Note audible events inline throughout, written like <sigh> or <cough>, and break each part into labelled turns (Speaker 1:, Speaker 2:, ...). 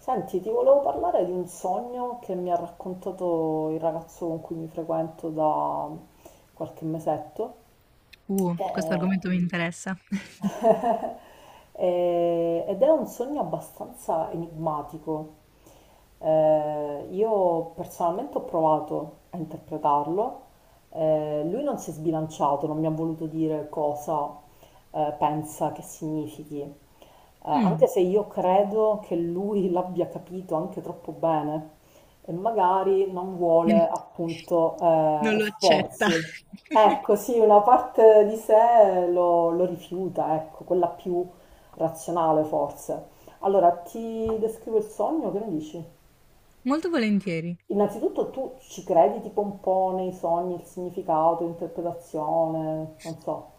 Speaker 1: Senti, ti volevo parlare di un sogno che mi ha raccontato il ragazzo con cui mi frequento da qualche mesetto.
Speaker 2: Questo
Speaker 1: Eh,
Speaker 2: argomento mi interessa.
Speaker 1: <laughs> ed è un sogno abbastanza enigmatico. Io personalmente ho provato a interpretarlo. Lui non si è sbilanciato, non mi ha voluto dire cosa pensa che significhi. Anche
Speaker 2: Mh.
Speaker 1: se io credo che lui <laughs> l'abbia capito anche troppo bene e magari non vuole
Speaker 2: <laughs>
Speaker 1: appunto
Speaker 2: Non lo accetta.
Speaker 1: esporsi. Ecco, sì, una parte di sé lo rifiuta, ecco, quella più razionale forse. Allora, ti descrivo il sogno, che ne dici?
Speaker 2: Molto volentieri.
Speaker 1: Innanzitutto tu ci credi tipo un po' nei sogni, il significato, l'interpretazione, non so,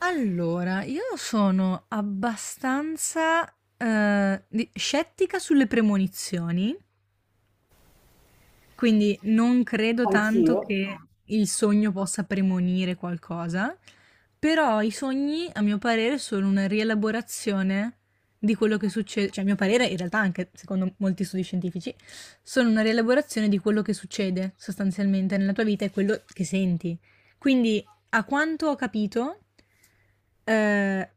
Speaker 2: Allora, io sono abbastanza, di scettica sulle premonizioni. Quindi non credo tanto
Speaker 1: anch'io.
Speaker 2: che il sogno possa premonire qualcosa, però i sogni, a mio parere, sono una rielaborazione di quello che succede, cioè a mio parere, in realtà anche secondo molti studi scientifici, sono una rielaborazione di quello che succede sostanzialmente nella tua vita e quello che senti. Quindi, a quanto ho capito, eh,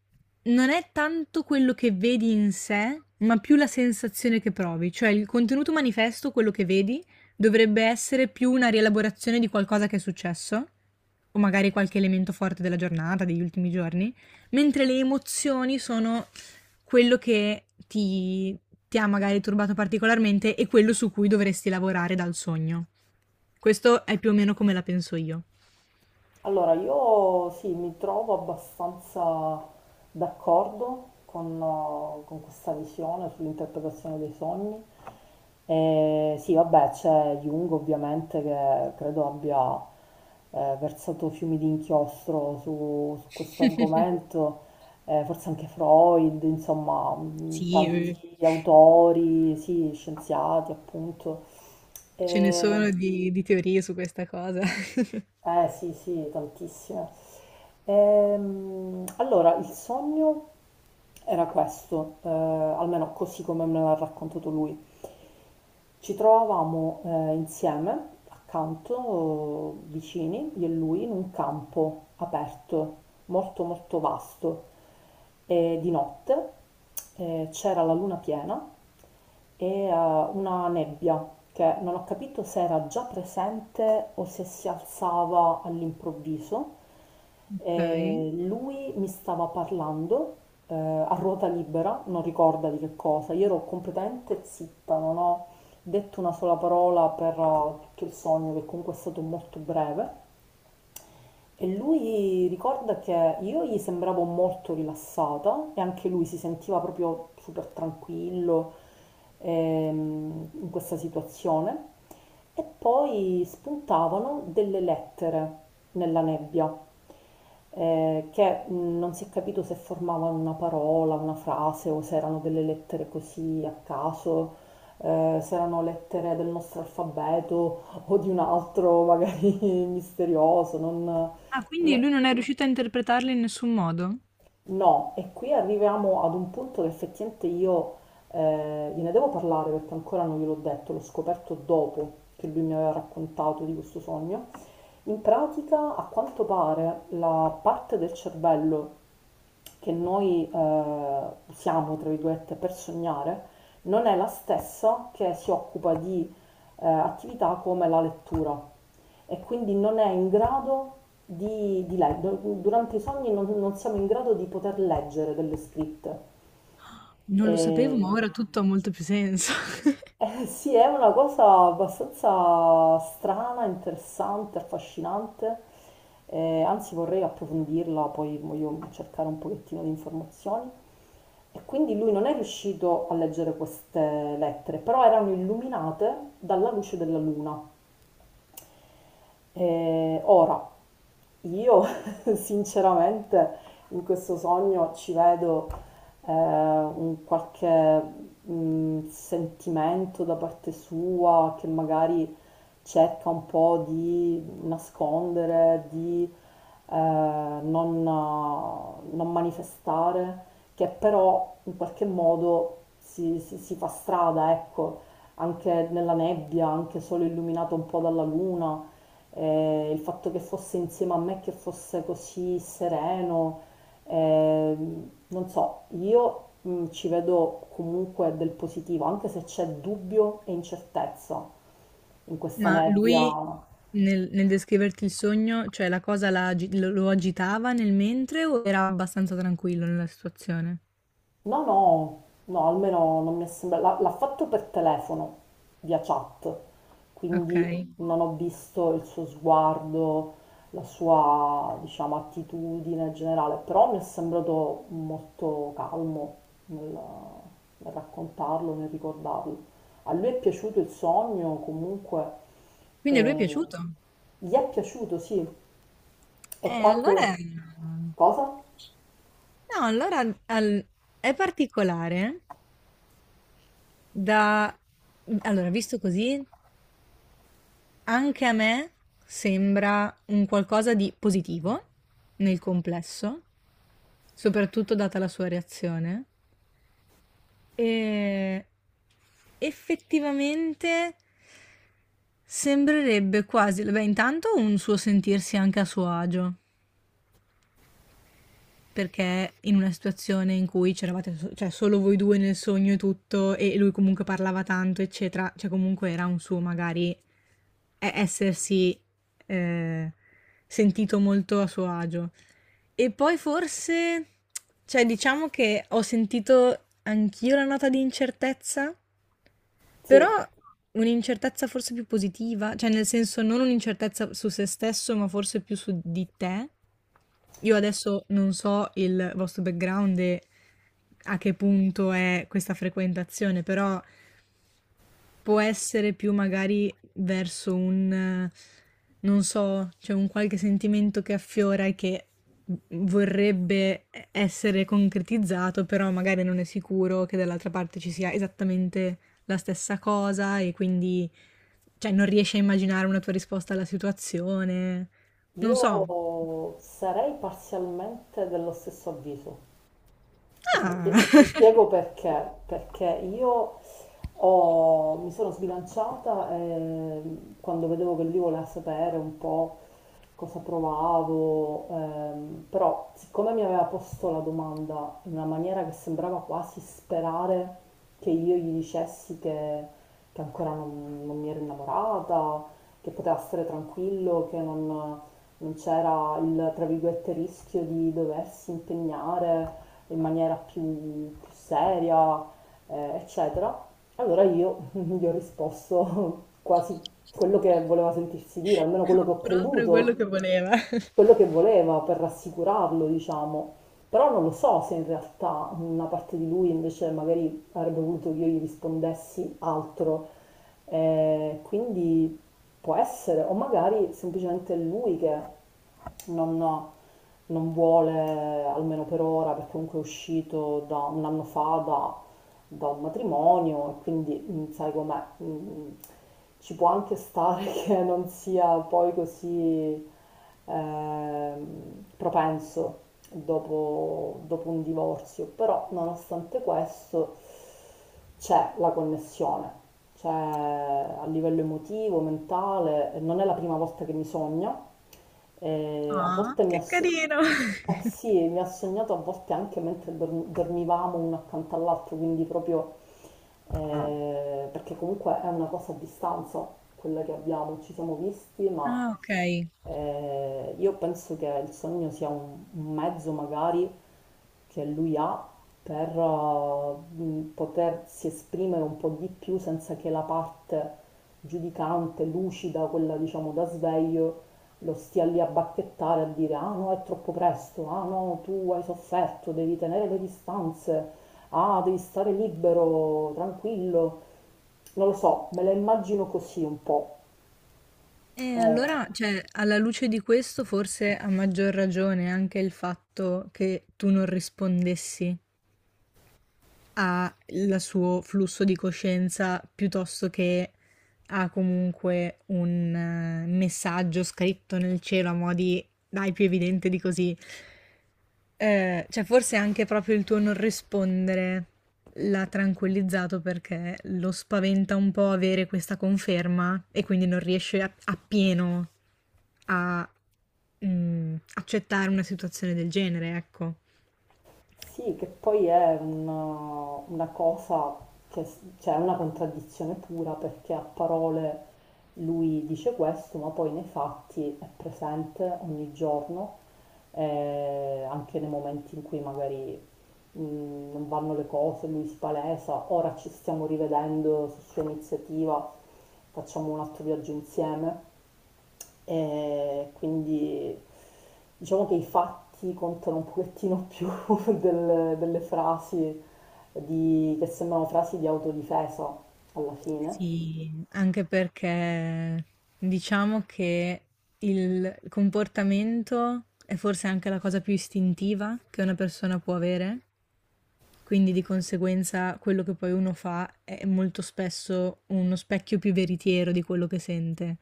Speaker 2: non è tanto quello che vedi in sé, ma più la sensazione che provi, cioè il contenuto manifesto, quello che vedi, dovrebbe essere più una rielaborazione di qualcosa che è successo, o magari qualche elemento forte della giornata, degli ultimi giorni, mentre le emozioni sono quello che ti ha magari turbato particolarmente e quello su cui dovresti lavorare dal sogno. Questo è più o meno come la penso io.
Speaker 1: Allora, io sì, mi trovo abbastanza d'accordo con questa visione sull'interpretazione dei sogni. E sì, vabbè, c'è Jung ovviamente che credo abbia versato fiumi di inchiostro su questo argomento, forse anche Freud, insomma,
Speaker 2: Sì, <laughs> eh.
Speaker 1: tanti autori, sì, scienziati appunto.
Speaker 2: Ce ne sono
Speaker 1: E
Speaker 2: di teorie su questa cosa. <laughs> Ok.
Speaker 1: eh sì, sì, tantissime. Allora, il sogno era questo, almeno così come me l'ha raccontato lui. Ci trovavamo insieme, accanto, vicini, io e lui, in un campo aperto, molto molto vasto. E di notte c'era la luna piena e una nebbia che non ho capito se era già presente o se si alzava all'improvviso. E lui mi stava parlando a ruota libera, non ricorda di che cosa, io ero completamente zitta, non ho detto una sola parola per tutto il sogno, che comunque è stato molto breve. E lui ricorda che io gli sembravo molto rilassata e anche lui si sentiva proprio super tranquillo in questa situazione. E poi spuntavano delle lettere nella nebbia, che non si è capito se formavano una parola, una frase o se erano delle lettere così a caso, se erano lettere del nostro alfabeto o di un altro magari <laughs> misterioso, non,
Speaker 2: Ah, quindi
Speaker 1: no,
Speaker 2: lui non è riuscito a interpretarle in nessun modo?
Speaker 1: no, e qui arriviamo ad un punto che effettivamente io gliene devo parlare perché ancora non gliel'ho detto, l'ho scoperto dopo che lui mi aveva raccontato di questo sogno. In pratica, a quanto pare, la parte del cervello che noi usiamo, tra virgolette, per sognare, non è la stessa che si occupa di attività come la lettura e quindi non è in grado di leggere, durante i sogni non siamo in grado di poter leggere delle scritte.
Speaker 2: Non
Speaker 1: E,
Speaker 2: lo sapevo, ma ora tutto ha molto più senso. <laughs>
Speaker 1: sì, è una cosa abbastanza strana, interessante, affascinante, anzi vorrei approfondirla, poi voglio cercare un pochettino di informazioni. E quindi lui non è riuscito a leggere queste lettere, però erano illuminate dalla luce della luna. Ora, io <laughs> sinceramente in questo sogno ci vedo un qualche sentimento da parte sua che magari cerca un po' di nascondere, di non manifestare, che però in qualche modo si fa strada, ecco, anche nella nebbia, anche solo illuminato un po' dalla luna il fatto che fosse insieme a me, che fosse così sereno, eh, non so, io ci vedo comunque del positivo, anche se c'è dubbio e incertezza in questa
Speaker 2: Ma lui
Speaker 1: nebbia.
Speaker 2: nel descriverti il sogno, cioè la cosa la agi- lo agitava nel mentre o era abbastanza tranquillo nella situazione?
Speaker 1: No, no, no, almeno non mi è sembrato. L'ha fatto per telefono, via chat,
Speaker 2: Ok.
Speaker 1: quindi non ho visto il suo sguardo, la sua, diciamo, attitudine generale, però mi è sembrato molto calmo nel, nel raccontarlo, nel ricordarlo. A lui è piaciuto il sogno, comunque,
Speaker 2: Quindi a lui è
Speaker 1: e
Speaker 2: piaciuto?
Speaker 1: gli è piaciuto, sì. E quando...
Speaker 2: Allora...
Speaker 1: Cosa?
Speaker 2: No, allora al- è particolare da... Allora, visto così, anche a me sembra un qualcosa di positivo nel complesso, soprattutto data la sua reazione. Ehm, Effettivamente sembrerebbe quasi beh, intanto un suo sentirsi anche a suo agio, perché in una situazione in cui c'eravate so cioè solo voi 2 nel sogno e tutto, e lui comunque parlava tanto, eccetera, cioè comunque era un suo magari e essersi, ehm, sentito molto a suo agio. E poi forse, cioè diciamo che ho sentito anch'io la nota di incertezza, però
Speaker 1: Sì.
Speaker 2: un'incertezza forse più positiva, cioè nel senso non un'incertezza su se stesso, ma forse più su di te. Io adesso non so il vostro background e a che punto è questa frequentazione, però può essere più magari verso non so, c'è un qualche sentimento che affiora e che vorrebbe essere concretizzato, però magari non è sicuro che dall'altra parte ci sia esattamente la stessa cosa e quindi, cioè, non riesci a immaginare una tua risposta alla situazione. Non so.
Speaker 1: Io sarei parzialmente dello stesso avviso. Ti
Speaker 2: Ah!
Speaker 1: ti
Speaker 2: <laughs>
Speaker 1: spiego perché, perché mi sono sbilanciata quando vedevo che lui voleva sapere un po' cosa provavo, però siccome mi aveva posto la domanda in una maniera che sembrava quasi sperare che io gli dicessi che ancora non mi ero innamorata, che poteva stare tranquillo, che non non c'era il, tra virgolette, rischio di doversi impegnare in maniera più seria, eccetera. Allora io <laughs> gli ho risposto quasi quello che voleva sentirsi dire, almeno quello che ho
Speaker 2: Proprio
Speaker 1: creduto,
Speaker 2: quello che voleva.
Speaker 1: quello che voleva per rassicurarlo, diciamo. Però non lo so se in realtà una parte di lui invece magari avrebbe voluto che io gli rispondessi altro. Quindi può essere, o magari semplicemente lui che non non vuole, almeno per ora, perché comunque è uscito da un anno fa da un matrimonio e quindi mm, sai com'è, mm, mm, ci può anche stare <laughs> che non sia poi così propenso dopo un divorzio, però nonostante questo c'è la connessione, c'è a livello emotivo, mentale, non è la prima volta che mi sogna, a
Speaker 2: Ah,
Speaker 1: volte mi
Speaker 2: che
Speaker 1: associa...
Speaker 2: carino!
Speaker 1: Eh
Speaker 2: <laughs>
Speaker 1: sì, e mi ha sognato a volte anche mentre dormivamo uno accanto all'altro, quindi proprio ah, perché comunque è una cosa a distanza quella che abbiamo, ci siamo visti, ma
Speaker 2: Ah, ok.
Speaker 1: io penso che il sogno sia un mezzo magari che lui ha per potersi esprimere un po' di più senza che la parte giudicante, lucida, quella diciamo da sveglio, lo stia lì a bacchettare, a dire ah no è troppo presto, ah no tu hai sofferto, devi tenere le distanze, ah devi stare libero, tranquillo. Non lo so, me la immagino così un po'.
Speaker 2: E
Speaker 1: Eh,
Speaker 2: allora, cioè, alla luce di questo, forse a maggior ragione anche il fatto che tu non rispondessi ha il suo flusso di coscienza piuttosto che ha comunque un messaggio scritto nel cielo a mo' di dai più evidente di così. Cioè forse anche proprio il tuo non rispondere l'ha tranquillizzato perché lo spaventa un po' avere questa conferma e quindi non riesce a- appieno a accettare una situazione del genere, ecco.
Speaker 1: Sì, che poi è una cosa che cioè, è una contraddizione pura perché a parole lui dice questo, ma poi nei fatti è presente ogni giorno, anche nei momenti in cui magari non vanno le cose, lui si palesa, ora ci stiamo rivedendo su sua iniziativa, facciamo un altro viaggio insieme. E quindi diciamo che i fatti contano un pochettino più <laughs> delle frasi che sembrano frasi di autodifesa alla fine.
Speaker 2: Sì, anche perché diciamo che il comportamento è forse anche la cosa più istintiva che una persona può avere, quindi di conseguenza quello che poi uno fa è molto spesso uno specchio più veritiero di quello che sente,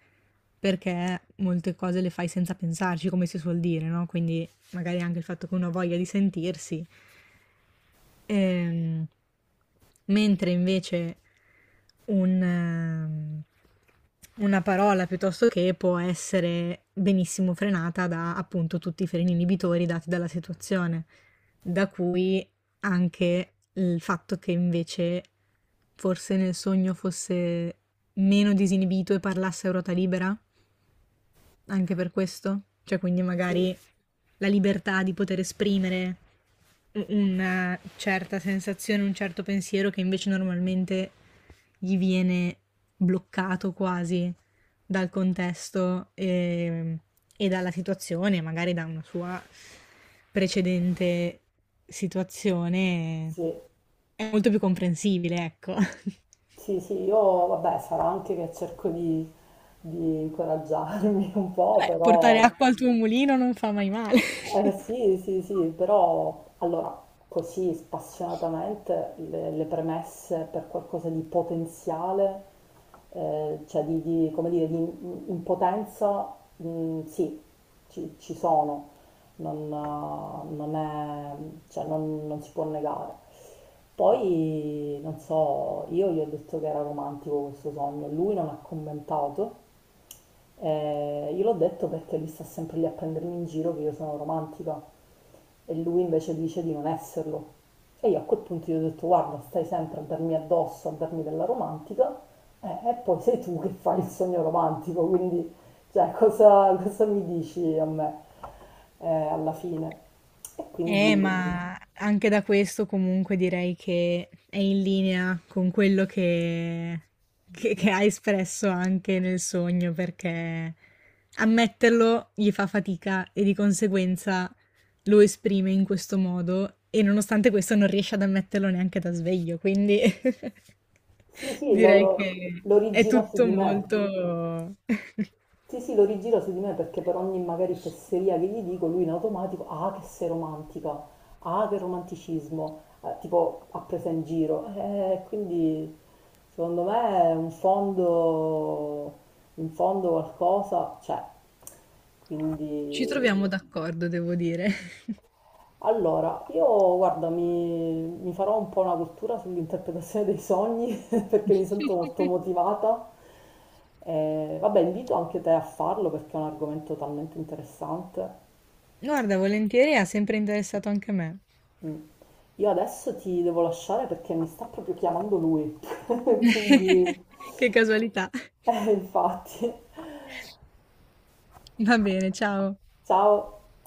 Speaker 2: perché molte cose le fai senza pensarci, come si suol dire, no? Quindi magari anche il fatto che uno ha voglia di sentirsi. Ehm, Mentre invece un, ehm, una parola piuttosto che può essere benissimo frenata da appunto tutti i freni inibitori dati dalla situazione, da cui anche il fatto che invece forse nel sogno fosse meno disinibito e parlasse a ruota libera anche per questo? Cioè, quindi magari
Speaker 1: Sì,
Speaker 2: la libertà di poter esprimere u una certa sensazione, un certo pensiero che invece normalmente gli viene bloccato quasi dal contesto, e dalla situazione, magari da una sua precedente situazione,
Speaker 1: sì,
Speaker 2: è molto più comprensibile, ecco. <laughs> Vabbè,
Speaker 1: sì, sì, io vabbè, sarà anche che cerco di incoraggiarmi <laughs> un po',
Speaker 2: portare
Speaker 1: però
Speaker 2: acqua al tuo mulino non fa mai male.
Speaker 1: eh,
Speaker 2: <laughs>
Speaker 1: sì, sì, sì, però allora così spassionatamente le premesse per qualcosa di potenziale, cioè come dire, di impotenza, mm, sì, ci sono, non è, cioè non si può negare. Poi, non so, io gli ho detto che era romantico questo sogno, lui non ha commentato, io l'ho detto perché lui sta sempre lì a prendermi in giro che io sono romantica e lui invece dice di non esserlo. E io a quel punto gli ho detto guarda, stai sempre a darmi addosso, a darmi della romantica e poi sei tu che fai il sogno romantico, quindi cioè, cosa mi dici a me alla fine? E quindi
Speaker 2: Ma anche da questo comunque direi che è in linea con quello che ha espresso anche nel sogno, perché ammetterlo gli fa fatica e di conseguenza lo esprime in questo modo e nonostante questo non riesce ad ammetterlo neanche da sveglio, quindi
Speaker 1: sì,
Speaker 2: <laughs>
Speaker 1: sì,
Speaker 2: direi che
Speaker 1: lo
Speaker 2: è
Speaker 1: rigina su
Speaker 2: tutto
Speaker 1: di me.
Speaker 2: molto...
Speaker 1: Sì, sì, lo rigira su di me perché per ogni magari fesseria che gli dico, lui in automatico, ah che sei romantica, ah che romanticismo, tipo ha preso in giro. Quindi secondo me in fondo qualcosa c'è. Quindi
Speaker 2: Ci troviamo d'accordo, devo dire.
Speaker 1: allora, io guarda, mi farò un po' una cultura sull'interpretazione dei sogni <laughs> perché mi sento molto
Speaker 2: <laughs>
Speaker 1: motivata. Vabbè, invito anche te a farlo perché è un argomento talmente interessante.
Speaker 2: Guarda, volentieri, ha sempre interessato anche a me.
Speaker 1: Mm. Io adesso ti devo lasciare perché mi sta proprio chiamando lui, <laughs> quindi
Speaker 2: <laughs> Che casualità.
Speaker 1: infatti.
Speaker 2: Va bene, ciao.
Speaker 1: Ciao.